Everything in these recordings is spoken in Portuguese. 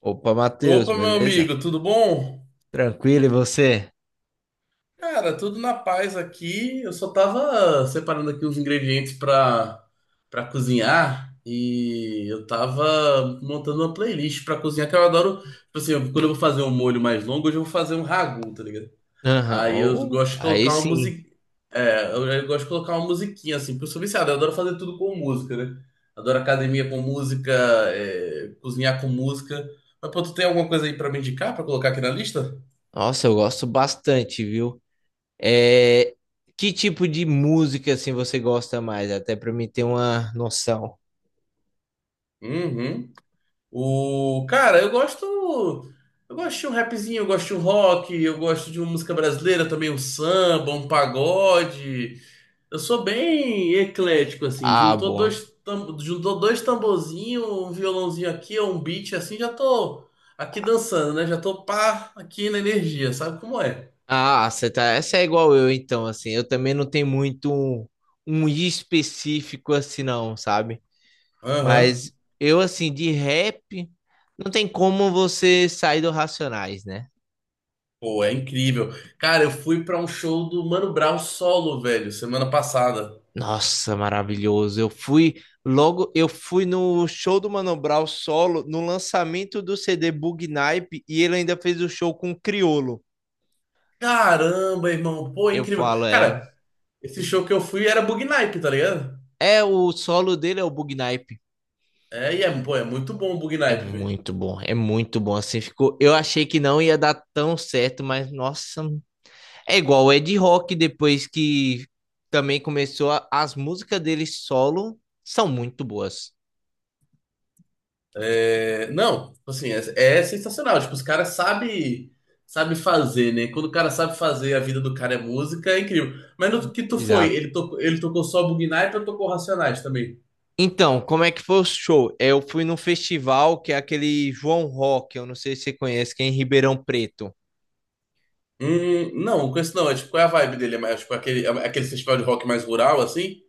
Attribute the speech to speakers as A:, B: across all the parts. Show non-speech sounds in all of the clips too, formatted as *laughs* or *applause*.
A: Opa, Matheus,
B: Opa, meu
A: beleza?
B: amigo, tudo bom?
A: Tranquilo, e você?
B: Cara, tudo na paz aqui. Eu só tava separando aqui os ingredientes pra para cozinhar e eu tava montando uma playlist pra cozinhar que eu adoro. Tipo assim, quando eu vou fazer um molho mais longo, hoje eu vou fazer um ragu, tá ligado?
A: Aham,
B: Aí eu
A: ô,
B: gosto de
A: aí
B: colocar uma
A: sim.
B: musiquinha. É, eu gosto de colocar uma musiquinha assim, porque eu sou viciado, eu adoro fazer tudo com música, né? Adoro academia com música, é, cozinhar com música. Mas pô, tu tem alguma coisa aí pra me indicar pra colocar aqui na lista?
A: Nossa, eu gosto bastante, viu? É, que tipo de música assim você gosta mais? Até pra mim ter uma noção.
B: Uhum. O cara, eu gosto de um rapzinho, eu gosto de um rock, eu gosto de uma música brasileira também, um samba, um pagode. Eu sou bem eclético assim,
A: Ah, boa.
B: juntou dois tamborzinhos, um violãozinho aqui, um beat assim, já tô aqui dançando, né? Já tô pá, aqui na energia, sabe como é?
A: Ah, você tá. Essa é igual eu, então, assim. Eu também não tenho muito um específico assim, não, sabe?
B: Aham.
A: Mas assim, de rap, não tem como você sair do Racionais, né?
B: Pô, é incrível. Cara, eu fui pra um show do Mano Brown solo, velho, semana passada.
A: Nossa, maravilhoso. Eu fui logo, eu fui no show do Mano Brown solo, no lançamento do CD Bug Naipe, e ele ainda fez o show com o Criolo.
B: Caramba, irmão, pô, é
A: Eu
B: incrível.
A: falo,
B: Cara, esse show que eu fui era Bug Night, tá ligado?
A: é o solo dele é o Bug Naipe.
B: É, pô, é muito bom o Bug
A: É
B: Night, velho.
A: muito bom, é muito bom. Assim ficou. Eu achei que não ia dar tão certo, mas nossa, é igual o Ed Rock depois que também começou as músicas dele solo são muito boas.
B: É, não, tipo assim, é, é sensacional. Tipo, os caras sabe fazer, né? Quando o cara sabe fazer, a vida do cara é música, é incrível. Mas no que tu foi? Ele tocou só Bug Night ou tocou Racionais também?
A: Então, como é que foi o show? Eu fui num festival que é aquele João Rock, eu não sei se você conhece, que é em Ribeirão Preto.
B: Não, com esse não. É, tipo, qual é a vibe dele? É mais, tipo, aquele, é aquele festival de rock mais rural, assim?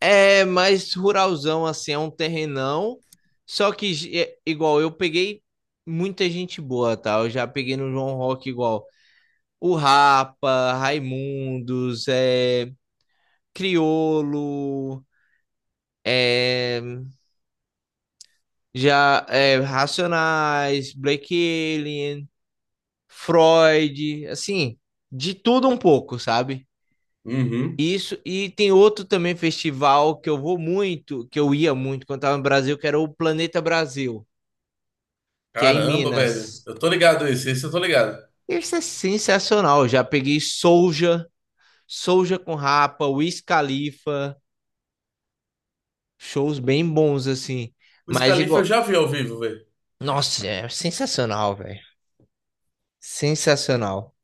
A: É mais ruralzão, assim, é um terrenão. Só que, igual, eu peguei muita gente boa, tá? Eu já peguei no João Rock, igual, o Rapa, Raimundos, Criolo, é, já, Racionais, Black Alien, Freud, assim, de tudo um pouco, sabe?
B: Uhum.
A: Isso, e tem outro também festival que eu vou muito, que eu ia muito quando estava no Brasil, que era o Planeta Brasil, que é em
B: Caramba, velho.
A: Minas.
B: Eu tô ligado esse, esse eu tô ligado.
A: Esse é sensacional. Eu já peguei Soulja, Soulja com Rapa, Wiz Khalifa, shows bem bons assim.
B: O
A: Mas
B: Scalife eu
A: igual,
B: já vi ao vivo, velho.
A: nossa, é sensacional, velho. Sensacional.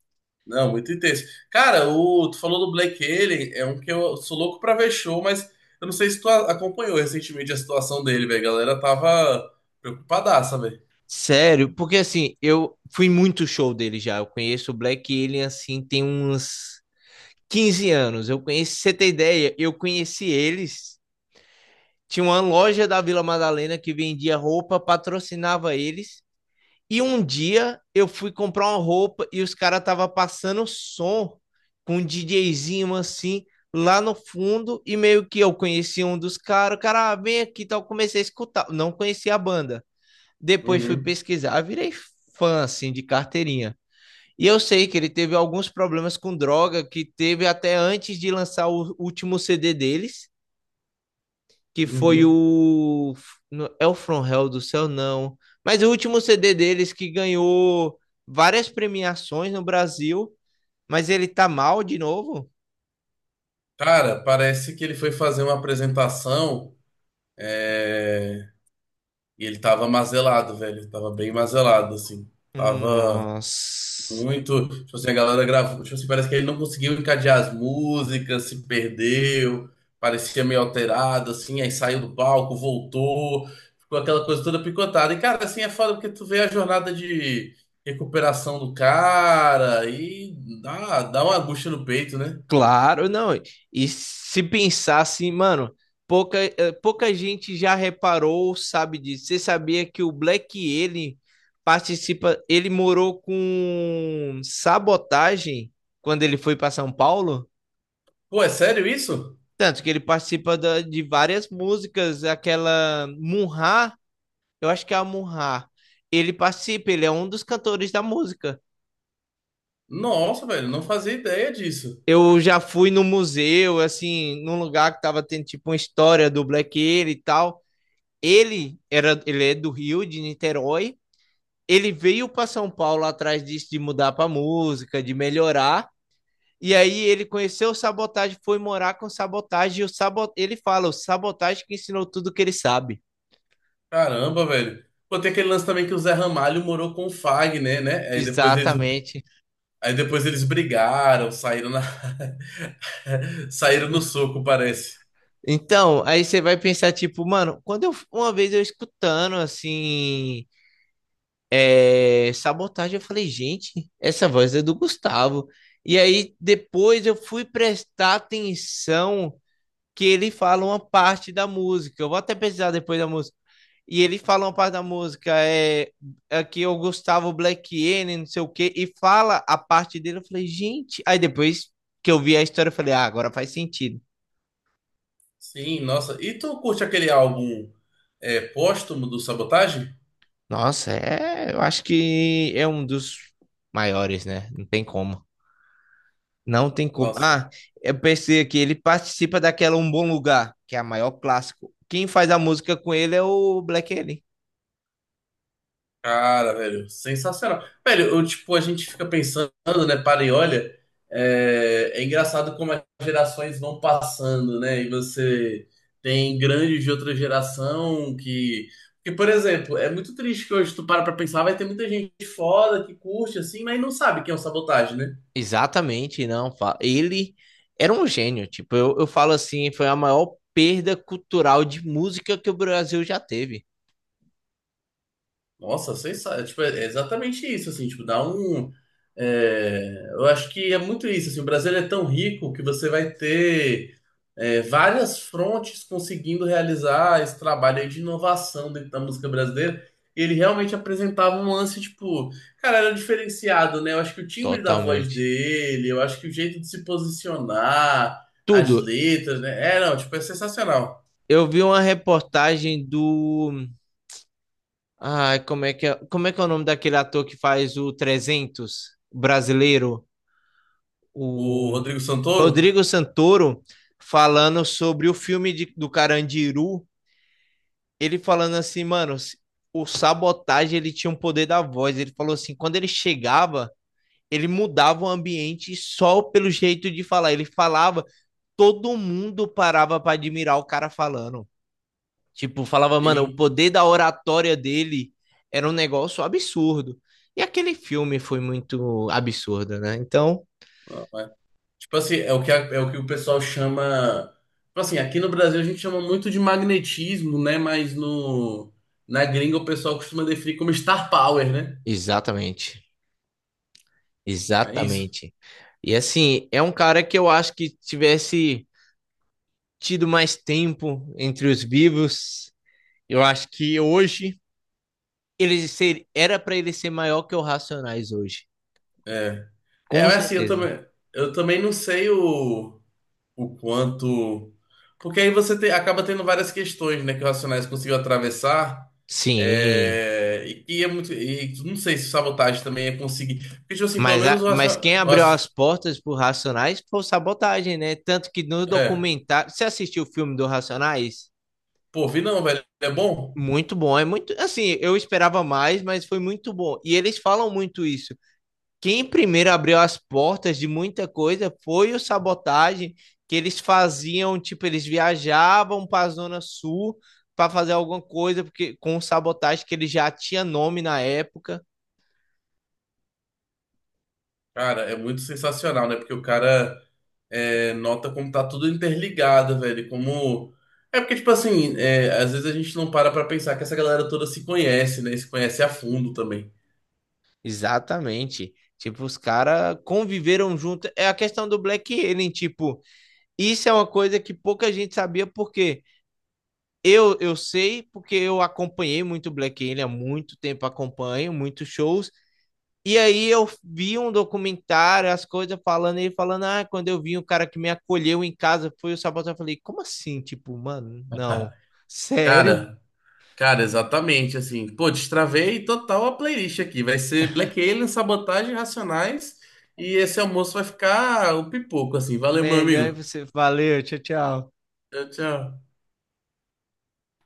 B: Não, muito intenso. Cara, tu falou do Black Alien, é um que eu sou louco pra ver show, mas eu não sei se tu acompanhou recentemente a situação dele, velho. A galera tava preocupadaça, velho.
A: Sério, porque assim, eu fui muito show dele já. Eu conheço o Black Alien assim tem uns 15 anos. Eu conheci, pra você tem ideia, eu conheci eles. Tinha uma loja da Vila Madalena que vendia roupa, patrocinava eles. E um dia eu fui comprar uma roupa e os caras estavam passando som com um DJzinho assim lá no fundo e meio que eu conheci um dos caras, o cara, ah, vem aqui e tal, comecei a escutar, não conhecia a banda. Depois fui
B: Uhum,
A: pesquisar, eu virei fã assim de carteirinha. E eu sei que ele teve alguns problemas com droga que teve até antes de lançar o último CD deles que foi
B: uhum.
A: o. É o From Hell do Céu, não. Mas o último CD deles que ganhou várias premiações no Brasil, mas ele tá mal de novo?
B: Cara, parece que ele foi fazer uma apresentação, é, e ele tava mazelado, velho. Tava bem mazelado, assim. Tava.
A: Nossa.
B: Muito, tipo assim, a galera gravou, tipo assim, parece que ele não conseguiu encadear as músicas, se perdeu, parecia meio alterado, assim, aí saiu do palco, voltou, ficou aquela coisa toda picotada. E, cara, assim, é foda porque tu vê a jornada de recuperação do cara e dá uma angústia no peito, né?
A: Claro, não. E se pensar assim, mano, pouca gente já reparou, sabe disso. Você sabia que o Black ele participa, ele morou com Sabotagem quando ele foi para São Paulo?
B: Pô, é sério isso?
A: Tanto que ele participa de várias músicas, aquela Munhá, eu acho que é a Munhá. Ele participa, ele é um dos cantores da música.
B: Nossa, velho, não fazia ideia disso.
A: Eu já fui no museu, assim, num lugar que tava tendo tipo uma história do Black Alien e tal. Ele é do Rio, de Niterói. Ele veio para São Paulo atrás disso de mudar para música, de melhorar. E aí ele conheceu o Sabotagem, foi morar com o Sabotagem e o Sabo... ele fala, o Sabotagem que ensinou tudo que ele sabe.
B: Caramba, velho. Pô, tem aquele lance também que o Zé Ramalho morou com o Fagner, né?
A: Exatamente.
B: Aí depois eles brigaram, saíram na... *laughs* saíram no soco, parece.
A: Então, aí você vai pensar, tipo, mano, uma vez eu escutando, assim, Sabotagem, eu falei, gente, essa voz é do Gustavo. E aí, depois eu fui prestar atenção que ele fala uma parte da música. Eu vou até pesquisar depois da música. E ele fala uma parte da música, é que o Gustavo Black N, não sei o quê, e fala a parte dele. Eu falei, gente. Aí depois que eu vi a história, eu falei, ah, agora faz sentido.
B: Sim, nossa. E tu curte aquele álbum é, póstumo do Sabotagem?
A: Nossa, é, eu acho que é um dos maiores, né? Não tem como. Não tem como.
B: Nossa,
A: Ah, eu pensei aqui, ele participa daquela Um Bom Lugar, que é a maior clássico. Quem faz a música com ele é o Black Alien.
B: cara, velho, sensacional. Velho, eu, tipo, a gente fica pensando, né? Para e olha, é engraçado como as gerações vão passando, né? E você tem grandes de outra geração que. Porque, por exemplo, é muito triste que hoje tu para pra pensar, vai ter muita gente foda que curte assim, mas não sabe quem é o Sabotagem, né?
A: Exatamente, não. Ele era um gênio. Tipo, eu falo assim, foi a maior perda cultural de música que o Brasil já teve.
B: Nossa, sensacional. Tipo, é exatamente isso, assim, tipo, dá um. É, eu acho que é muito isso, assim, o Brasil é tão rico que você vai ter é, várias frontes conseguindo realizar esse trabalho aí de inovação dentro da música brasileira. E ele realmente apresentava um lance, tipo, cara, era diferenciado, né? Eu acho que o timbre da voz
A: Totalmente.
B: dele, eu acho que o jeito de se posicionar,
A: Tudo.
B: as letras, né? É, não, tipo, é sensacional.
A: Eu vi uma reportagem do. Ai, como é que é, como é que é o nome daquele ator que faz o 300 brasileiro?
B: O
A: O
B: Rodrigo Santoro?
A: Rodrigo Santoro falando sobre o filme do Carandiru. Ele falando assim, mano, o Sabotagem ele tinha um poder da voz. Ele falou assim, quando ele chegava, ele mudava o ambiente só pelo jeito de falar. Ele falava, todo mundo parava para admirar o cara falando. Tipo, falava, mano, o
B: Sim.
A: poder da oratória dele era um negócio absurdo. E aquele filme foi muito absurdo, né? Então,
B: Ah, tipo assim, é o que o pessoal chama. Tipo assim, aqui no Brasil a gente chama muito de magnetismo, né? Mas no, na gringa o pessoal costuma definir como star power, né?
A: exatamente.
B: É isso.
A: Exatamente. E assim, é um cara que eu acho que tivesse tido mais tempo entre os vivos, eu acho que hoje era para ele ser maior que o Racionais hoje.
B: É. É,
A: Com
B: mas assim,
A: certeza.
B: eu também não sei o quanto. Porque aí acaba tendo várias questões, né? Que o Racionais conseguiu atravessar.
A: Sim.
B: É, e que é muito. E não sei se sabotagem também é conseguir. Porque, tipo assim, pelo
A: Mas,
B: menos o
A: mas quem abriu
B: Racionais.
A: as portas pro Racionais foi o Sabotagem, né? Tanto que no
B: É.
A: documentário. Você assistiu o filme do Racionais?
B: Pô, vi não, velho. É bom?
A: Muito bom, é muito. Assim, eu esperava mais, mas foi muito bom. E eles falam muito isso. Quem primeiro abriu as portas de muita coisa foi o Sabotagem, que eles faziam, tipo, eles viajavam para a Zona Sul para fazer alguma coisa, porque com o Sabotagem, que ele já tinha nome na época.
B: Cara, é muito sensacional, né? Porque o cara é, nota como tá tudo interligado, velho. Como. É porque, tipo assim, é, às vezes a gente não para pra pensar que essa galera toda se conhece, né? E se conhece a fundo também.
A: Exatamente. Tipo, os caras conviveram junto. É a questão do Black Alien, tipo, isso é uma coisa que pouca gente sabia, porque eu sei, porque eu acompanhei muito Black Alien há muito tempo, acompanho muitos shows. E aí eu vi um documentário, as coisas falando, ele falando, ah, quando eu vi o cara que me acolheu em casa foi o Sabaton, eu falei, como assim? Tipo, mano, não.
B: *laughs*
A: Sério?
B: Cara, cara, exatamente, assim. Pô, destravei total a playlist aqui. Vai ser Black Alien, Sabotagem, Racionais. E esse almoço vai ficar o pipoco, assim. Valeu, meu
A: Melhor
B: amigo.
A: você. Valeu, tchau, tchau.
B: Tchau, tchau.